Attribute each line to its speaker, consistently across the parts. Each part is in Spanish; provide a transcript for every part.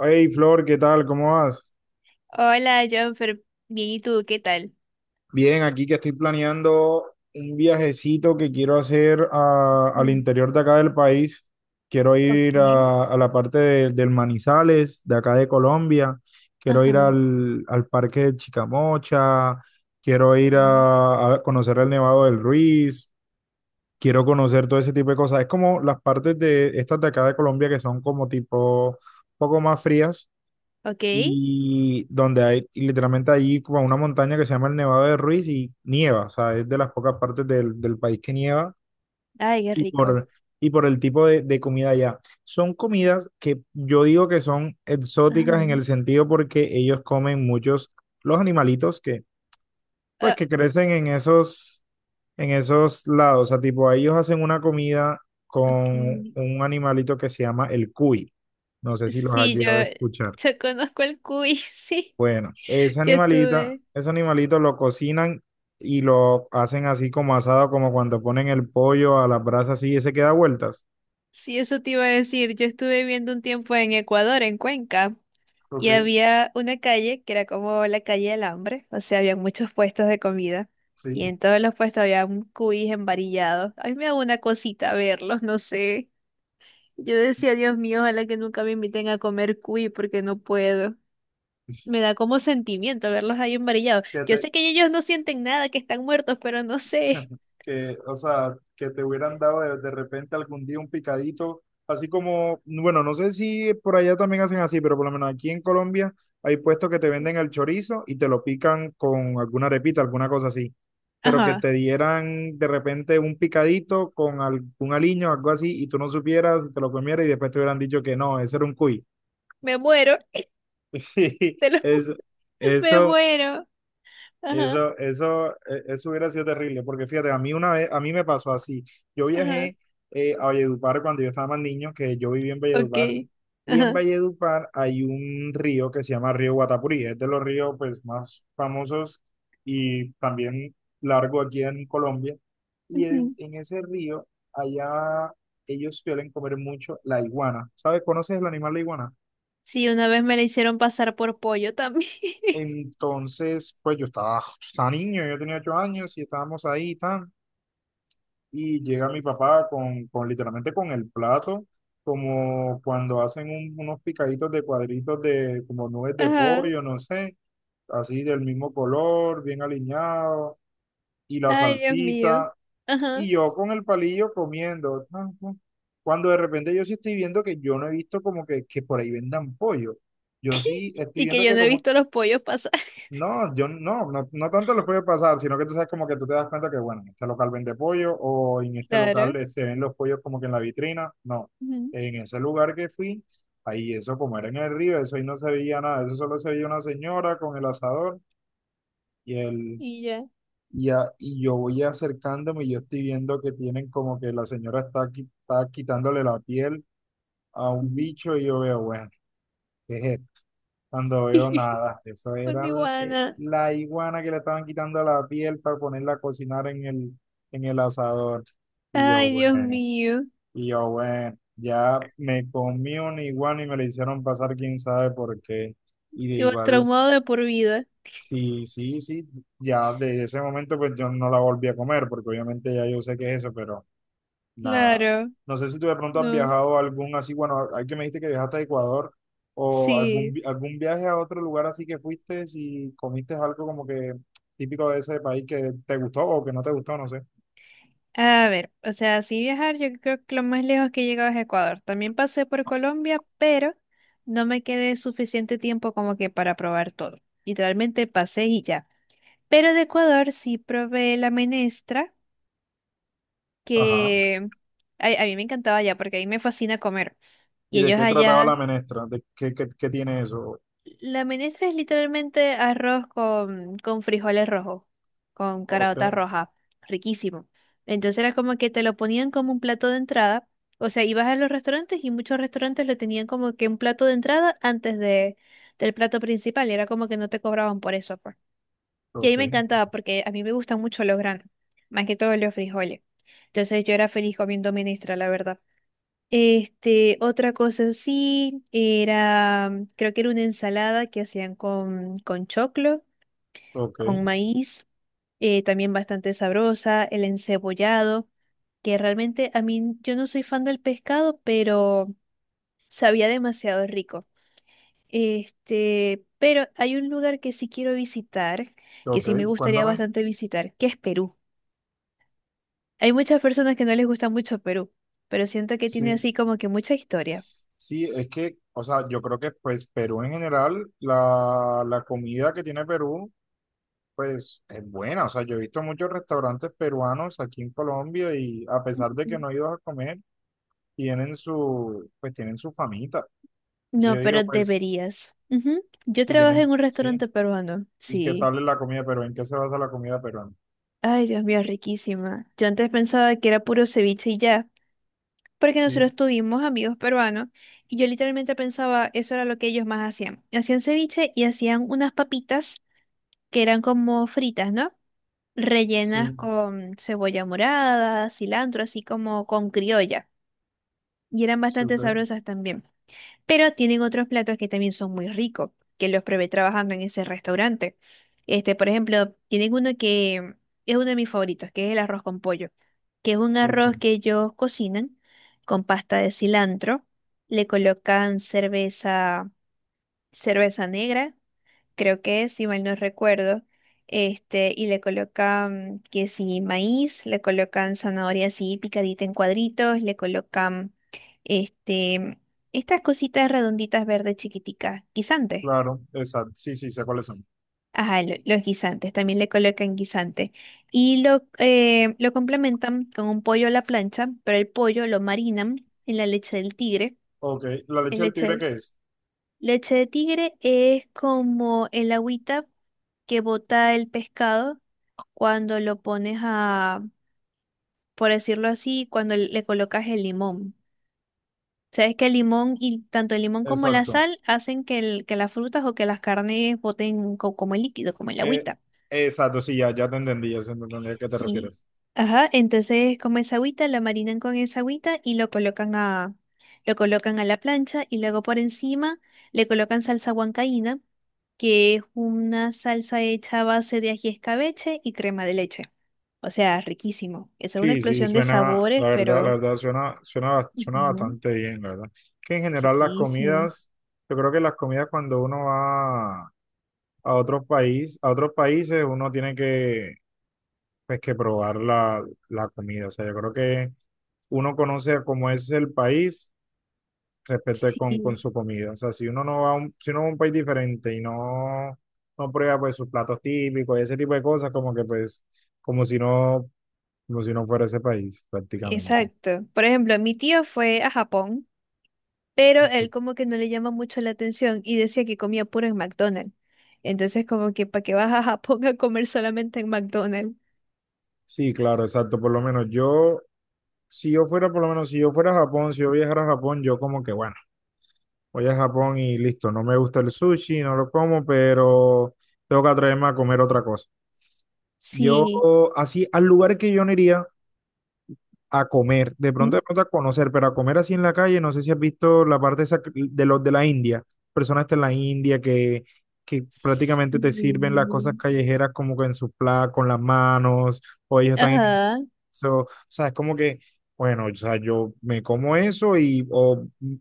Speaker 1: Hey Flor, ¿qué tal? ¿Cómo vas?
Speaker 2: Hola, Jonfer. Bien, ¿y tú? ¿Qué tal?
Speaker 1: Bien, aquí que estoy planeando un viajecito que quiero hacer al
Speaker 2: Mm,
Speaker 1: interior de acá del país. Quiero
Speaker 2: ok.
Speaker 1: ir a la parte del Manizales, de acá de Colombia. Quiero ir
Speaker 2: Ajá.
Speaker 1: al parque de Chicamocha. Quiero ir
Speaker 2: Ok,
Speaker 1: a conocer el Nevado del Ruiz. Quiero conocer todo ese tipo de cosas. Es como las partes de estas de acá de Colombia que son como tipo un poco más frías
Speaker 2: ok.
Speaker 1: y donde hay y literalmente allí como una montaña que se llama el Nevado de Ruiz y nieva, o sea, es de las pocas partes del país que nieva
Speaker 2: Ay, qué
Speaker 1: y por,
Speaker 2: rico.
Speaker 1: y por el tipo de comida allá. Son comidas que yo digo que son
Speaker 2: Ajá.
Speaker 1: exóticas en el sentido porque ellos comen muchos los animalitos que, pues,
Speaker 2: Ah,
Speaker 1: que crecen en en esos lados, o sea, tipo, ellos hacen una comida con
Speaker 2: ok.
Speaker 1: un animalito que se llama el cuy. No sé si los has
Speaker 2: Sí,
Speaker 1: llegado a escuchar.
Speaker 2: yo conozco el cuy, sí.
Speaker 1: Bueno, ese
Speaker 2: Yo
Speaker 1: animalita,
Speaker 2: estuve,
Speaker 1: ese animalito lo cocinan y lo hacen así como asado, como cuando ponen el pollo a la brasa así y se queda vueltas.
Speaker 2: sí, eso te iba a decir. Yo estuve viviendo un tiempo en Ecuador, en Cuenca, y había una calle que era como la calle del hambre, o sea, había muchos puestos de comida, y
Speaker 1: Sí.
Speaker 2: en todos los puestos había un cuy embarillado. A mí me da una cosita verlos, no sé. Yo decía, Dios mío, ojalá que nunca me inviten a comer cuy porque no puedo. Me da como sentimiento verlos ahí embarillados.
Speaker 1: Que
Speaker 2: Yo
Speaker 1: te-
Speaker 2: sé que ellos no sienten nada, que están muertos, pero no sé.
Speaker 1: que, o sea, que te hubieran dado de repente algún día un picadito, así como, bueno, no sé si por allá también hacen así, pero por lo menos aquí en Colombia hay puestos que te venden el chorizo y te lo pican con alguna arepita, alguna cosa así, pero que
Speaker 2: Ajá,
Speaker 1: te dieran de repente un picadito con algún aliño, algo así, y tú no supieras, te lo comieras y después te hubieran dicho que no, ese era un cuy.
Speaker 2: me muero.
Speaker 1: sí.
Speaker 2: Te lo ju-
Speaker 1: Es,
Speaker 2: me
Speaker 1: eso.
Speaker 2: muero. Ajá,
Speaker 1: Eso hubiera sido terrible, porque fíjate, a mí una vez, a mí me pasó así. Yo
Speaker 2: ajá,
Speaker 1: viajé a Valledupar cuando yo estaba más niño, que yo viví en Valledupar,
Speaker 2: ok.
Speaker 1: y en
Speaker 2: Ajá.
Speaker 1: Valledupar hay un río que se llama Río Guatapurí, es de los ríos pues más famosos y también largo aquí en Colombia. Y es,
Speaker 2: Ujú.
Speaker 1: en ese río, allá ellos suelen comer mucho la iguana. ¿Sabes? ¿Conoces el animal la iguana?
Speaker 2: Sí, una vez me la hicieron pasar por pollo también.
Speaker 1: Entonces, pues yo estaba niño, yo tenía 8 años y estábamos ahí y tal. Y llega mi papá con literalmente con el plato, como cuando hacen unos picaditos de cuadritos de como nubes de
Speaker 2: Ajá.
Speaker 1: pollo, no sé, así del mismo color, bien alineado, y la
Speaker 2: Ay, Dios mío.
Speaker 1: salsita,
Speaker 2: Ajá.
Speaker 1: y yo con el palillo comiendo, tan, tan. Cuando de repente yo sí estoy viendo que yo no he visto como que por ahí vendan pollo. Yo sí estoy
Speaker 2: Y que
Speaker 1: viendo
Speaker 2: yo
Speaker 1: que
Speaker 2: no he
Speaker 1: como
Speaker 2: visto los pollos pasar.
Speaker 1: no, no tanto les puede pasar, sino que tú sabes como que tú te das cuenta que, bueno, en este local vende pollo o en este local
Speaker 2: Claro.
Speaker 1: se ven los pollos como que en la vitrina. No,
Speaker 2: Ujú,
Speaker 1: en ese lugar que fui, ahí eso como era en el río, eso ahí no se veía nada, eso solo se veía una señora con el asador y el,
Speaker 2: y ya.
Speaker 1: y yo voy acercándome y yo estoy viendo que tienen como que la señora está, está quitándole la piel a un
Speaker 2: Ujú.
Speaker 1: bicho y yo veo, bueno, ¿qué es esto? Cuando veo nada, eso era
Speaker 2: Una iguana.
Speaker 1: la iguana que le estaban quitando la piel para ponerla a cocinar en el asador. Y yo,
Speaker 2: Ay, Dios
Speaker 1: bueno,
Speaker 2: mío.
Speaker 1: y yo, bueno, ya me comí una iguana y me la hicieron pasar quién sabe por qué. Y de
Speaker 2: Yo
Speaker 1: igual,
Speaker 2: traumado de por vida.
Speaker 1: sí, sí, sí, ya desde ese momento pues yo no la volví a comer, porque obviamente ya yo sé qué es eso, pero nada.
Speaker 2: Claro,
Speaker 1: No sé si tú de pronto has
Speaker 2: no.
Speaker 1: viajado a algún así, bueno, hay que me dijiste que viajaste a Ecuador o algún,
Speaker 2: Sí.
Speaker 1: algún viaje a otro lugar así que fuiste y comiste algo como que típico de ese país que te gustó o que no te gustó, no sé.
Speaker 2: A ver, o sea, sí viajar, yo creo que lo más lejos que he llegado es Ecuador. También pasé por Colombia, pero no me quedé suficiente tiempo como que para probar todo. Literalmente pasé y ya. Pero de Ecuador sí probé la menestra,
Speaker 1: Ajá.
Speaker 2: que ay, a mí me encantaba allá porque a mí me fascina comer.
Speaker 1: ¿Y
Speaker 2: Y
Speaker 1: de
Speaker 2: ellos
Speaker 1: qué trataba
Speaker 2: allá
Speaker 1: la menestra? ¿De qué, qué, qué tiene eso?
Speaker 2: la menestra es literalmente arroz con frijoles rojos, con caraotas
Speaker 1: Ok,
Speaker 2: rojas, riquísimo. Entonces era como que te lo ponían como un plato de entrada. O sea, ibas a los restaurantes y muchos restaurantes lo tenían como que un plato de entrada antes de, del plato principal. Y era como que no te cobraban por eso, pues. Y a mí
Speaker 1: ok,
Speaker 2: me encantaba porque a mí me gustan mucho los granos, más que todo los frijoles. Entonces yo era feliz comiendo menestra, la verdad. Este, otra cosa sí, era, creo que era una ensalada que hacían con choclo,
Speaker 1: ok,
Speaker 2: con maíz, también bastante sabrosa, el encebollado, que realmente a mí yo no soy fan del pescado, pero sabía demasiado rico. Este, pero hay un lugar que sí quiero visitar, que
Speaker 1: ok.
Speaker 2: sí me gustaría
Speaker 1: Cuéntame.
Speaker 2: bastante visitar, que es Perú. Hay muchas personas que no les gusta mucho Perú, pero siento que tiene
Speaker 1: Sí,
Speaker 2: así como que mucha historia.
Speaker 1: sí, es que, o sea, yo creo que pues Perú en general, la comida que tiene Perú. Pues es buena, o sea, yo he visto muchos restaurantes peruanos aquí en Colombia y a pesar de que
Speaker 2: Ujú.
Speaker 1: no he ido a comer, tienen su, pues tienen su famita. Entonces
Speaker 2: No,
Speaker 1: yo digo,
Speaker 2: pero
Speaker 1: pues,
Speaker 2: deberías. Ujú. Yo
Speaker 1: si
Speaker 2: trabajé
Speaker 1: tienen,
Speaker 2: en un
Speaker 1: sí,
Speaker 2: restaurante peruano.
Speaker 1: ¿y qué
Speaker 2: Sí.
Speaker 1: tal es la comida peruana? ¿En qué se basa la comida peruana?
Speaker 2: Ay, Dios mío, riquísima. Yo antes pensaba que era puro ceviche y ya, porque
Speaker 1: Sí,
Speaker 2: nosotros tuvimos amigos peruanos y yo literalmente pensaba eso era lo que ellos más hacían. Hacían ceviche y hacían unas papitas que eran como fritas, ¿no? Rellenas
Speaker 1: sí,
Speaker 2: con cebolla morada, cilantro, así como con criolla. Y eran
Speaker 1: sí, ok,
Speaker 2: bastante sabrosas también. Pero tienen otros platos que también son muy ricos, que los probé trabajando en ese restaurante. Este, por ejemplo, tienen uno que es uno de mis favoritos, que es el arroz con pollo, que es un
Speaker 1: ok,
Speaker 2: arroz que ellos cocinan con pasta de cilantro, le colocan cerveza, cerveza negra creo que si mal no recuerdo, este, y le colocan que si maíz, le colocan zanahoria así picadita en cuadritos, le colocan este, estas cositas redonditas verdes chiquiticas, guisantes.
Speaker 1: claro, exacto, sí, sí, sé cuáles son.
Speaker 2: Ajá, lo- los guisantes, también le colocan guisante. Y lo complementan con un pollo a la plancha, pero el pollo lo marinan en la leche del tigre,
Speaker 1: Ok, ¿la leche
Speaker 2: en
Speaker 1: del tigre
Speaker 2: leche.
Speaker 1: qué es?
Speaker 2: Leche de tigre es como el agüita que bota el pescado cuando lo pones a, por decirlo así, cuando le colocas el limón. Sabes que el limón y tanto el limón como la
Speaker 1: Exacto,
Speaker 2: sal hacen que, el- que las frutas o que las carnes boten co- como el líquido, como el
Speaker 1: eh,
Speaker 2: agüita.
Speaker 1: exacto, sí, ya, ya te entendí, ya se entendí a qué te
Speaker 2: Sí.
Speaker 1: refieres.
Speaker 2: Ajá, entonces como esa agüita, la marinan con esa agüita y lo colocan a la plancha y luego por encima le colocan salsa huancaína, que es una salsa hecha a base de ají escabeche y crema de leche. O sea, riquísimo. Eso es una
Speaker 1: Sí, sí,
Speaker 2: explosión de
Speaker 1: suena,
Speaker 2: sabores,
Speaker 1: la
Speaker 2: pero
Speaker 1: verdad, suena, suena, suena
Speaker 2: ujú,
Speaker 1: bastante bien, la verdad. Que en general las
Speaker 2: riquísimo.
Speaker 1: comidas, yo creo que las comidas cuando uno va a otros país, a otros países, uno tiene que, pues, que probar la comida. O sea, yo creo que uno conoce cómo es el país respecto de con
Speaker 2: Sí,
Speaker 1: su comida. O sea, si uno no va a un, si uno va a un país diferente y no, no prueba pues sus platos típicos y ese tipo de cosas, como que pues, como si no, como si no fuera ese país, prácticamente.
Speaker 2: exacto. Por ejemplo, mi tío fue a Japón, pero él como que no le llama mucho la atención y decía que comía puro en McDonald's. Entonces como que para que vas a Japón a comer solamente en McDonald's.
Speaker 1: Sí, claro, exacto. Por lo menos yo, si yo fuera, por lo menos si yo fuera a Japón, si yo viajara a Japón, yo como que, bueno, voy a Japón y listo, no me gusta el sushi, no lo como, pero tengo que atreverme a comer otra cosa. Yo,
Speaker 2: Sí.
Speaker 1: así, al lugar que yo no iría a comer,
Speaker 2: Mm.
Speaker 1: de pronto a conocer, pero a comer así en la calle, no sé si has visto la parte esa de los de la India, personas de la India que prácticamente te sirven las cosas
Speaker 2: Mm.
Speaker 1: callejeras como que en sus pla con las manos o ellos están
Speaker 2: Ajá.
Speaker 1: so, o sea, es como que, bueno, o sea, yo me como eso y o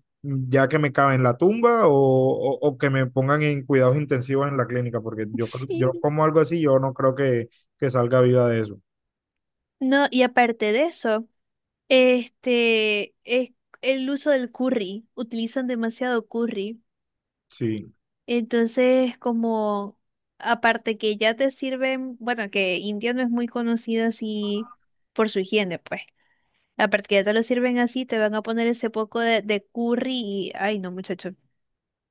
Speaker 1: ya que me cabe en la tumba o, o que me pongan en cuidados intensivos en la clínica, porque yo, yo
Speaker 2: Sí.
Speaker 1: como algo así, yo no creo que salga viva de eso.
Speaker 2: No, y aparte de eso, este es el uso del curry. Utilizan demasiado curry.
Speaker 1: Sí.
Speaker 2: Entonces, como aparte que ya te sirven, bueno, que India no es muy conocida así por su higiene, pues. Aparte que ya te lo sirven así, te van a poner ese poco de curry y, ay no, muchacho,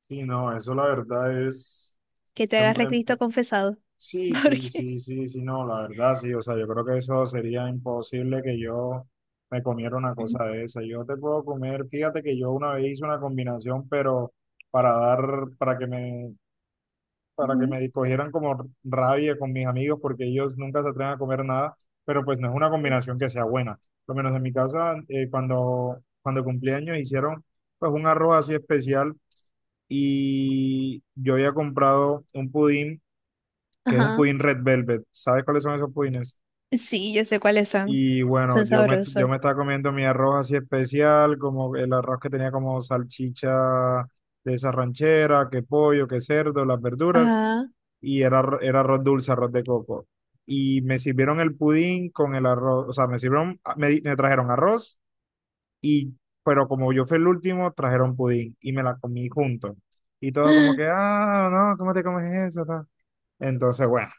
Speaker 1: Sí, no, eso la verdad es,
Speaker 2: que te agarre Cristo confesado.
Speaker 1: sí, sí,
Speaker 2: Porque,
Speaker 1: sí, sí, sí, no, la verdad, sí, o sea, yo creo que eso sería imposible que yo me comiera una cosa de esa. Yo te puedo comer, fíjate que yo una vez hice una combinación, pero para dar, para que me, para que
Speaker 2: ujú,
Speaker 1: me cogieran como rabia con mis amigos, porque ellos nunca se atreven a comer nada, pero pues no es una combinación que sea buena. Por lo menos en mi casa, cuando cumplí años hicieron pues un arroz así especial y yo había comprado un pudín que es un
Speaker 2: ajá,
Speaker 1: pudín Red Velvet. ¿Sabes cuáles son esos pudines?
Speaker 2: sí, yo sé cuáles son.
Speaker 1: Y bueno,
Speaker 2: Son
Speaker 1: yo
Speaker 2: sabrosos.
Speaker 1: me estaba comiendo mi arroz así especial, como el arroz que tenía como salchicha de esa ranchera, que pollo, que cerdo, las verduras,
Speaker 2: Ajá.
Speaker 1: y era, era arroz dulce, arroz de coco. Y me sirvieron el pudín con el arroz, o sea, me sirvieron, ah, me, me trajeron arroz, y, pero como yo fui el último, trajeron pudín y me la comí junto. Y todos como que, ah, no, ¿cómo te comes eso? ¿tal? Entonces, bueno.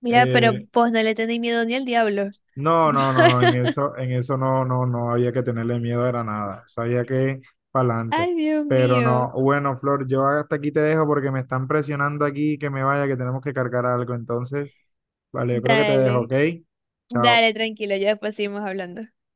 Speaker 2: Mira, pero
Speaker 1: eh,
Speaker 2: vos no le tenéis miedo ni al diablo.
Speaker 1: No, no, no, no, en eso no, no, no había que tenerle miedo, era nada, eso había que para adelante.
Speaker 2: Ay, Dios
Speaker 1: Pero no,
Speaker 2: mío.
Speaker 1: bueno, Flor, yo hasta aquí te dejo porque me están presionando aquí que me vaya, que tenemos que cargar algo. Entonces, vale, yo creo que te dejo,
Speaker 2: Dale,
Speaker 1: ¿ok? Chao.
Speaker 2: dale, tranquilo, ya después seguimos hablando.